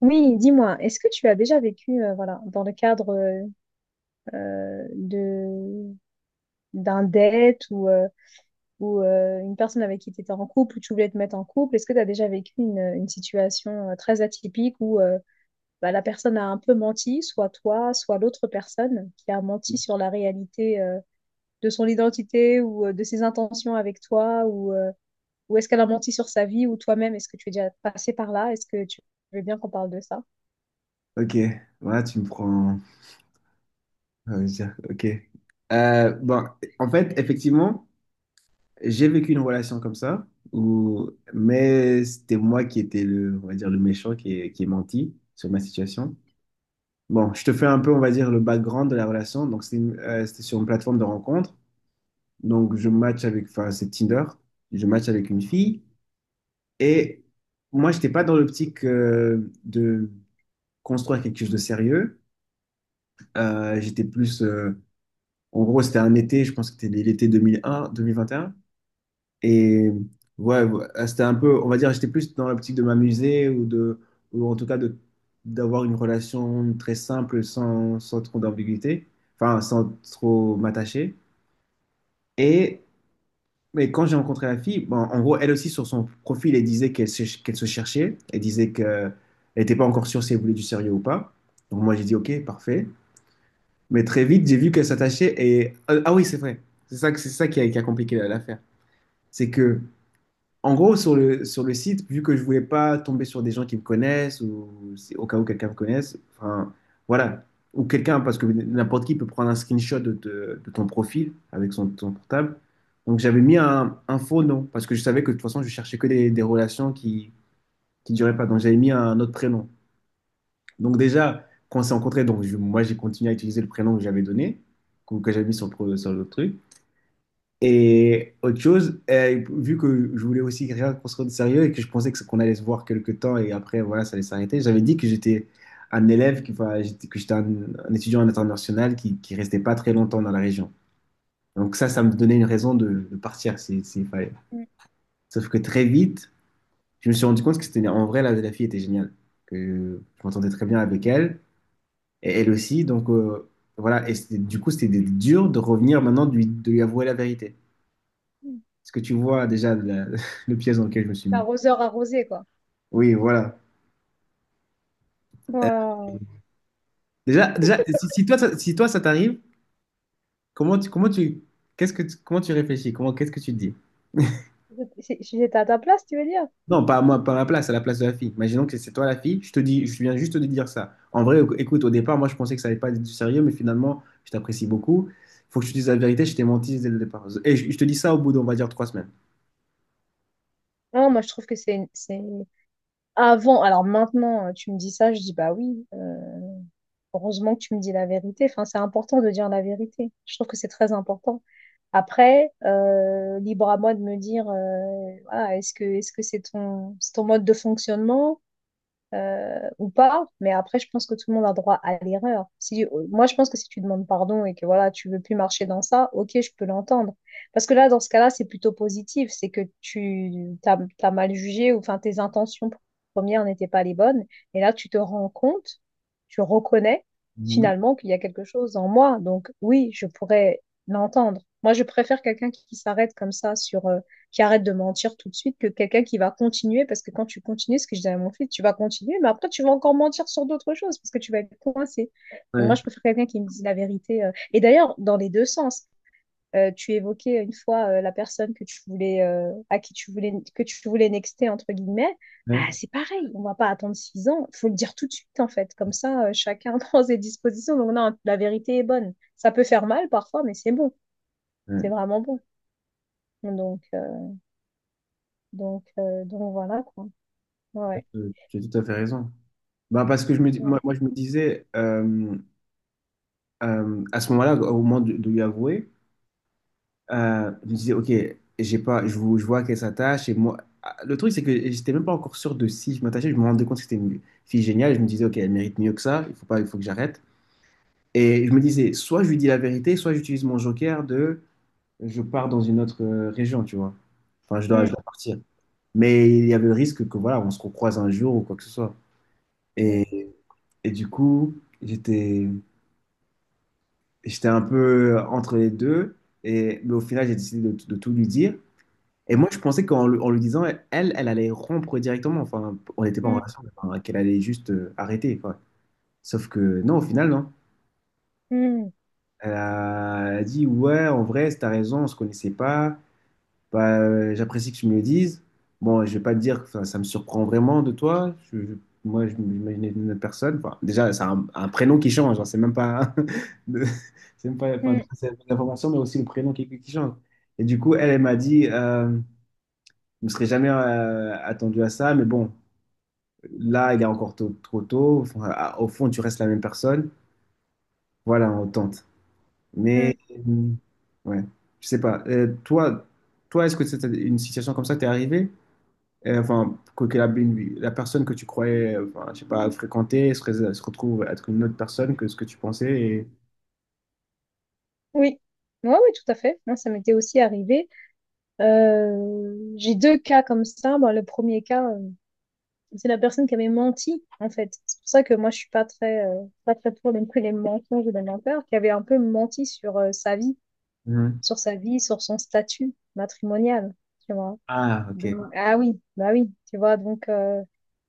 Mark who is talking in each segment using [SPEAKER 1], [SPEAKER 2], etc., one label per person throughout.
[SPEAKER 1] Oui, dis-moi, est-ce que tu as déjà vécu, voilà, dans le cadre de d'un date ou une personne avec qui tu étais en couple ou tu voulais te mettre en couple, est-ce que tu as déjà vécu une situation très atypique où bah, la personne a un peu menti, soit toi, soit l'autre personne qui a menti sur la réalité de son identité ou de ses intentions avec toi ou est-ce qu'elle a menti sur sa vie ou toi-même, est-ce que tu es déjà passé par là? Est-ce que tu veux bien qu'on parle de ça?
[SPEAKER 2] Ok, ouais, tu me prends. Ah oui, ça, ok. Euh, bon, en fait, effectivement, j'ai vécu une relation comme ça, où... mais c'était moi qui étais le, on va dire, le méchant qui est menti sur ma situation. Bon, je te fais un peu, on va dire, le background de la relation. Donc, c'était sur une plateforme de rencontre. Donc, je match avec, enfin, c'est Tinder. Je match avec une fille. Et moi, j'étais pas dans l'optique de construire quelque chose de sérieux. J'étais plus. En gros, c'était un été, je pense que c'était l'été 2001, 2021. Et un. Et ouais, c'était un peu, on va dire, j'étais plus dans l'optique de m'amuser ou de, ou en tout cas de, d'avoir une relation très simple sans, sans trop d'ambiguïté, enfin, sans trop m'attacher. Et mais quand j'ai rencontré la fille, bon, en gros, elle aussi, sur son profil, elle disait qu'elle se cherchait. Elle disait qu'elle n'était pas encore sûre si elle voulait du sérieux ou pas. Donc moi, j'ai dit, OK, parfait. Mais très vite, j'ai vu qu'elle s'attachait et... Ah ah oui, c'est vrai. C'est ça qui a compliqué l'affaire. C'est que, en gros, sur le site, vu que je voulais pas tomber sur des gens qui me connaissent ou si- au cas où quelqu'un me connaisse, enfin, voilà. Ou quelqu'un, parce que n'importe qui peut prendre un screenshot de ton profil avec ton portable. Donc j'avais mis un faux nom parce que je savais que de toute façon, je cherchais que des relations qui duraient pas. Donc j'avais mis un autre prénom. Donc déjà, quand on s'est rencontrés, moi j'ai continué à utiliser le prénom que j'avais donné, que j'avais mis sur le, sur le truc. Et autre chose, vu que je voulais aussi rien qu'on se rende sérieux et que je pensais que qu'on allait se voir quelques temps et après voilà, ça allait s'arrêter, j'avais dit que j'étais un élève, qui, enfin, que j'étais un étudiant international qui restait pas très longtemps dans la région. Donc ça me donnait une raison de partir si- s'il fallait. Sauf que très vite, je me suis rendu compte que c'était en vrai la fille était géniale, que je m'entendais très bien avec elle. Et elle aussi, donc voilà. Du coup, c'était dur de revenir maintenant, de lui avouer la vérité.
[SPEAKER 1] Mm.
[SPEAKER 2] Ce que tu vois déjà la- le piège dans lequel je me suis mis.
[SPEAKER 1] L'arroseur arrosé, quoi.
[SPEAKER 2] Oui, voilà. Euh,
[SPEAKER 1] Waouh.
[SPEAKER 2] déjà, si toi, si toi, ça t'arrive, comment tu, comment tu, comment tu réfléchis? Qu'est-ce que tu te dis?
[SPEAKER 1] Si j'étais à ta place, tu veux dire?
[SPEAKER 2] Non, pas à moi, pas à ma place, à la place de la fille. Imaginons que c'est toi la fille, je te dis, je viens juste de dire ça. En vrai, écoute, au départ, moi, je pensais que ça allait pas être du sérieux, mais finalement, je t'apprécie beaucoup. Faut que je te dise la vérité, je t'ai menti dès le départ. Je te dis ça au bout d'on va dire trois semaines.
[SPEAKER 1] Non, moi je trouve que c'est avant. Alors maintenant, tu me dis ça, je dis bah oui. Heureusement que tu me dis la vérité. Enfin, c'est important de dire la vérité. Je trouve que c'est très important. Après, libre à moi de me dire, voilà, est-ce que c'est c'est ton mode de fonctionnement? Ou pas. Mais après, je pense que tout le monde a droit à l'erreur. Si, moi, je pense que si tu demandes pardon et que voilà, tu veux plus marcher dans ça, ok, je peux l'entendre. Parce que là, dans ce cas-là, c'est plutôt positif. C'est que t'as mal jugé ou enfin tes intentions premières n'étaient pas les bonnes. Et là, tu te rends compte, tu reconnais
[SPEAKER 2] Mhm.
[SPEAKER 1] finalement qu'il y a quelque chose en moi. Donc oui, je pourrais l'entendre. Moi, je préfère quelqu'un qui s'arrête comme ça sur, qui arrête de mentir tout de suite que quelqu'un qui va continuer, parce que quand tu continues, ce que je disais à mon fils, tu vas continuer, mais après tu vas encore mentir sur d'autres choses, parce que tu vas être coincé. Donc moi, je préfère quelqu'un qui me dise la vérité. Et d'ailleurs, dans les deux sens, tu évoquais une fois la personne que tu voulais, à qui tu voulais, que tu voulais nexter, entre guillemets,
[SPEAKER 2] Ouais.
[SPEAKER 1] ah, c'est pareil, on va pas attendre six ans. Il faut le dire tout de suite en fait, comme ça chacun prend ses dispositions. Donc non, la vérité est bonne. Ça peut faire mal parfois, mais c'est bon, c'est
[SPEAKER 2] Ouais,
[SPEAKER 1] vraiment bon. Donc, donc voilà quoi. Ouais.
[SPEAKER 2] tu as tout à fait raison. Bah, parce que
[SPEAKER 1] Ouais.
[SPEAKER 2] je me disais, à ce moment-là, au moment de lui avouer, je me disais, OK, j'ai pas, je, vous- je vois qu'elle s'attache. Et moi, ah, le truc, c'est que j'étais même pas encore sûr de si je m'attachais. Je me rendais compte que c'était une fille géniale. Je me disais, OK, elle mérite mieux que ça. Il faut pas, il faut que j'arrête. Et je me disais, soit je lui dis la vérité, soit j'utilise mon joker de je pars dans une autre région, tu vois. Enfin, je
[SPEAKER 1] Mm,
[SPEAKER 2] dois partir. Mais il y avait le risque que, voilà, on se recroise un jour ou quoi que ce soit.
[SPEAKER 1] mm,
[SPEAKER 2] Et, et du coup, j'étais un peu entre les deux. Et, mais au final, j'ai décidé de tout lui dire. Et
[SPEAKER 1] mm,
[SPEAKER 2] moi, je pensais en lui disant, elle allait rompre directement. Enfin, on n'était pas en
[SPEAKER 1] mm,
[SPEAKER 2] relation, mais enfin, qu'elle allait juste arrêter. Quoi. Sauf que non, au final, non.
[SPEAKER 1] mm,
[SPEAKER 2] Elle a dit, ouais, en vrai, t'as raison, on se connaissait pas. Bah, j'apprécie que tu me le dises. Bon, je vais pas te dire que ça me surprend vraiment de toi. Moi, je m'imaginais une autre personne. Enfin, déjà, c'est un prénom qui change. Hein. C'est même pas, de- c'est même pas, enfin,
[SPEAKER 1] mm,
[SPEAKER 2] c'est l'information, mais aussi le prénom qui change. Et du coup, elle m'a dit, je ne serais jamais attendu à ça, mais bon, là, il est encore trop tôt. Enfin, au fond, tu restes la même personne. Voilà, on tente. Mais,
[SPEAKER 1] mm.
[SPEAKER 2] euh, ouais, je sais pas. Toi, est-ce que c'était une situation comme ça t'est arrivée? Enfin, la personne que tu croyais, enfin, je sais pas, fréquenter se retrouve être une autre personne que ce que tu pensais. Et...
[SPEAKER 1] Oui. Oui, ouais, ouais, tout à fait. Moi, ça m'était aussi arrivé. J'ai deux cas comme ça. Bon, le premier cas, c'est la personne qui avait menti, en fait. C'est pour ça que moi, je suis pas très, pas très pour non plus les mensonges ou les menteurs, qui avait un peu menti sur sa vie,
[SPEAKER 2] Mhm.
[SPEAKER 1] sur son statut matrimonial. Tu vois.
[SPEAKER 2] Ah,
[SPEAKER 1] Donc,
[SPEAKER 2] ok.
[SPEAKER 1] ah oui, bah oui, tu vois, donc...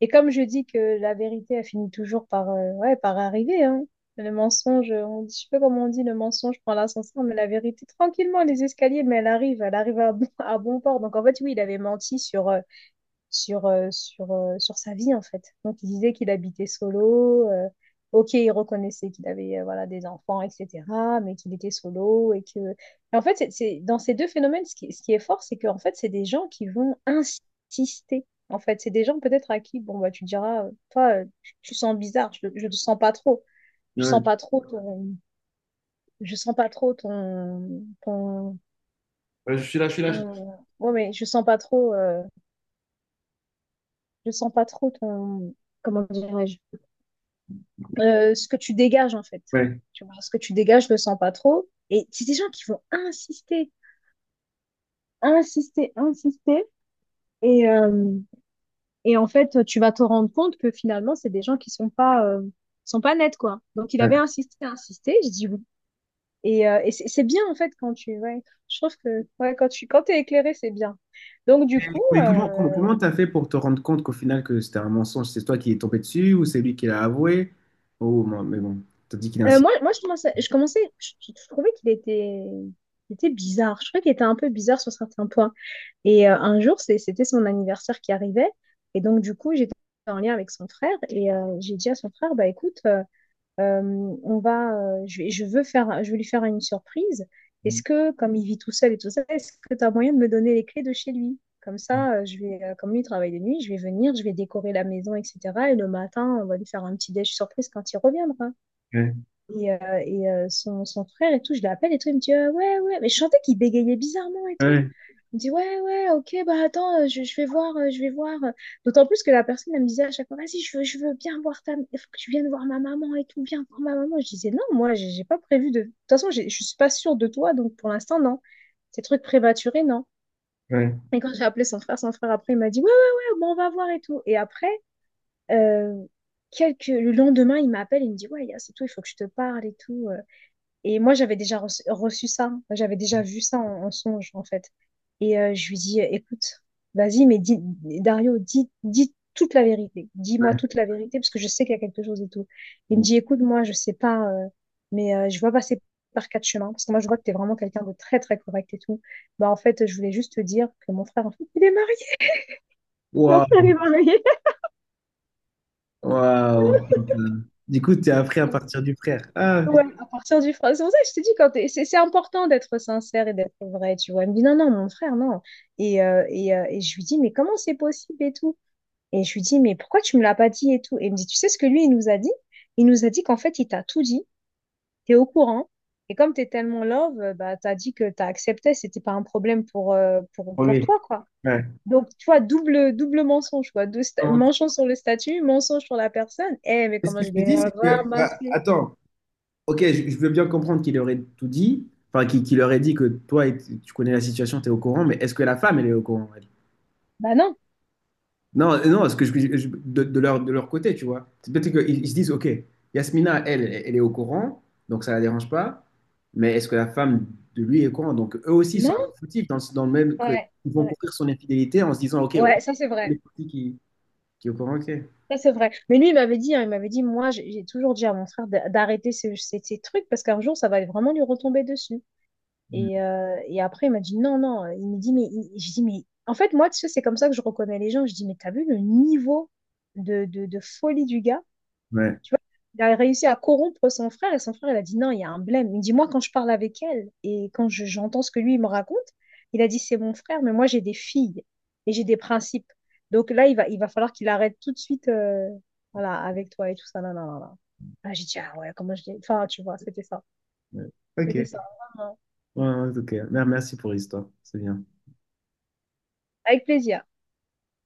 [SPEAKER 1] et comme je dis que la vérité, elle finit toujours par, ouais, par arriver, hein. Le mensonge, on dit, je sais pas comment on dit, le mensonge prend l'ascenseur, mais la vérité, tranquillement, les escaliers, mais elle arrive à bon, à bon port. Donc en fait, oui, il avait menti sur, sur sa vie, en fait. Donc, il disait qu'il habitait solo. Ok, il reconnaissait qu'il avait voilà, des enfants, etc., mais qu'il était solo. Et que... Et en fait, dans ces deux phénomènes, ce qui est fort, c'est qu'en fait, c'est des gens qui vont insister. En fait, c'est des gens peut-être à qui, bon, bah, tu diras, toi, tu sens bizarre, je ne sens pas trop. Je sens
[SPEAKER 2] Ouais,
[SPEAKER 1] pas trop ton, je sens pas trop ton, ton,
[SPEAKER 2] ouais, je suis là, je suis là.
[SPEAKER 1] ton- ouais, mais je sens pas trop, je sens pas trop ton, comment dirais-je, ce que tu dégages en fait.
[SPEAKER 2] Ouais,
[SPEAKER 1] Tu vois, ce que tu dégages, je le sens pas trop. Et c'est des gens qui vont insister. Et, euh, et en fait, tu vas te rendre compte que finalement, c'est des gens qui sont pas nets, quoi. Donc,
[SPEAKER 2] ouais.
[SPEAKER 1] insisté. Je dis oui. Et c'est bien, en fait, quand tu, ouais, je trouve que, ouais, quand tu, quand t'es éclairé, c'est bien. Donc, du coup,
[SPEAKER 2] Comment t'as fait pour te rendre compte qu'au final que c'était un mensonge? C'est toi qui est tombé dessus ou c'est lui qui l'a avoué? Oh, moi, mais bon, t'as dit qu'il a insisté.
[SPEAKER 1] moi, je commençais, je trouvais qu'il était, il était bizarre. Je trouvais qu'il était un peu bizarre sur certains points. Et un jour, c'était son anniversaire qui arrivait. Et donc, du coup, j'étais en lien avec son frère et j'ai dit à son frère, bah écoute, euh, on va, je veux faire, je veux lui faire une surprise. Est-ce que, comme il vit tout seul et tout ça, est-ce que tu as moyen de me donner les clés de chez lui? Comme ça, je vais, comme lui il travaille de nuit, je vais venir, je vais décorer la maison, etc. Et le matin, on va lui faire un petit déj surprise quand il reviendra.
[SPEAKER 2] Ouais,
[SPEAKER 1] Et, son frère et tout, je l'appelle et tout, il me dit, ouais, ouais, mais je sentais qu'il bégayait bizarrement et tout.
[SPEAKER 2] ouais,
[SPEAKER 1] Il me dit, ouais, ouais, ok, bah attends, je vais voir, je vais voir. D'autant plus que la personne, elle me disait à chaque fois, vas-y, je veux bien voir ta... Il faut que tu viennes voir ma maman et tout, viens voir ma maman. Je disais, non, moi, j'ai pas prévu de... De toute façon, je suis pas sûre de toi, donc pour l'instant, non. Ces trucs prématurés, non.
[SPEAKER 2] ouais.
[SPEAKER 1] Et quand j'ai appelé son frère, après, il m'a dit, ouais, ouais, ouais, bon, on va voir et tout. Et après, euh, quelques... le lendemain, il m'appelle, il me dit, ouais, Yas, c'est tout, il faut que je te parle et tout. Et moi, j'avais déjà reçu, reçu ça. Enfin, j'avais déjà vu ça en, en songe, en fait. Et je lui dis, écoute, vas-y, mais dis, Dario, dis toute la vérité. Dis-moi
[SPEAKER 2] ouais.
[SPEAKER 1] toute la vérité, parce que je sais qu'il y a quelque chose et tout. Il me dit, écoute, moi, je sais pas, mais je vois passer par quatre chemins, parce que moi, je vois que t'es vraiment quelqu'un de très, très correct et tout. Bah, en fait, je voulais juste te dire que mon frère, en fait, il est marié. Mon frère
[SPEAKER 2] Waouh,
[SPEAKER 1] est marié.
[SPEAKER 2] waouh. Du coup, t'es appris à partir du frère. Ah,
[SPEAKER 1] Ouais,
[SPEAKER 2] putain.
[SPEAKER 1] à partir du français. C'est pour ça que je te dis, c'est important d'être sincère et d'être vrai, tu vois. Elle me dit, non, non, mon frère, non. Et, et je lui dis, mais comment c'est possible et tout? Et je lui dis, mais pourquoi tu me l'as pas dit et tout? Et il me dit, tu sais ce que lui, il nous a dit? Il nous a dit qu'en fait, il t'a tout dit, t'es au courant. Et comme t'es tellement love, bah, t'as dit que t'as accepté, c'était pas un problème pour, pour
[SPEAKER 2] Oui.
[SPEAKER 1] toi, quoi.
[SPEAKER 2] Ouais.
[SPEAKER 1] Donc, tu vois, double mensonge, quoi. Mensonge sur le statut, mensonge sur la personne. Eh, mais
[SPEAKER 2] Mais ce
[SPEAKER 1] comment
[SPEAKER 2] que
[SPEAKER 1] je
[SPEAKER 2] je me
[SPEAKER 1] l'ai
[SPEAKER 2] dis, c'est que, bah,
[SPEAKER 1] ramassé?
[SPEAKER 2] attends, ok, je veux bien comprendre qu'il aurait tout dit, enfin, qu'il aurait dit que toi, et- tu connais la situation, tu es au courant, mais est-ce que la femme, elle est au courant, elle
[SPEAKER 1] Bah non,
[SPEAKER 2] Non, non, ce que de, de leur côté, tu vois. C'est peut-être qu'ils ils se disent, ok, Yasmina, elle est au courant, donc ça la dérange pas, mais est-ce que la femme de lui est au courant? Donc eux aussi, ils sont un peu
[SPEAKER 1] non,
[SPEAKER 2] foutifs dans, dans le même que-
[SPEAKER 1] ouais.
[SPEAKER 2] ils vont
[SPEAKER 1] Ouais.
[SPEAKER 2] courir son infidélité en se disant, ok, oh,
[SPEAKER 1] Ouais, ça c'est
[SPEAKER 2] elle
[SPEAKER 1] vrai.
[SPEAKER 2] est foutie qui est au courant, ok.
[SPEAKER 1] Ça c'est vrai. Mais lui, il m'avait dit, hein, il m'avait dit, moi, j'ai toujours dit à mon frère d'arrêter ces, ces trucs parce qu'un jour, ça va vraiment lui retomber dessus.
[SPEAKER 2] Mm.
[SPEAKER 1] Et après, il m'a dit, non, non. Il me dit, je dis, mais en fait, moi, tu sais, c'est comme ça que je reconnais les gens. Je dis, mais t'as vu le niveau de folie du gars?
[SPEAKER 2] Ouais,
[SPEAKER 1] Il a réussi à corrompre son frère et son frère, il a dit non, il y a un blême. Il dit, moi, quand je parle avec elle et j'entends ce que lui, il me raconte, il a dit, c'est mon frère, mais moi, j'ai des filles et j'ai des principes. Donc là, il va falloir qu'il arrête tout de suite, voilà, avec toi et tout ça. Non, non, non, non. Ah, j'ai dit, ah ouais, comment je dis. Enfin, tu vois, c'était ça.
[SPEAKER 2] ouais. Ok.
[SPEAKER 1] C'était
[SPEAKER 2] Ouais,
[SPEAKER 1] ça. Vraiment.
[SPEAKER 2] ouais, ok. Merci pour l'histoire, c'est bien.
[SPEAKER 1] Avec plaisir.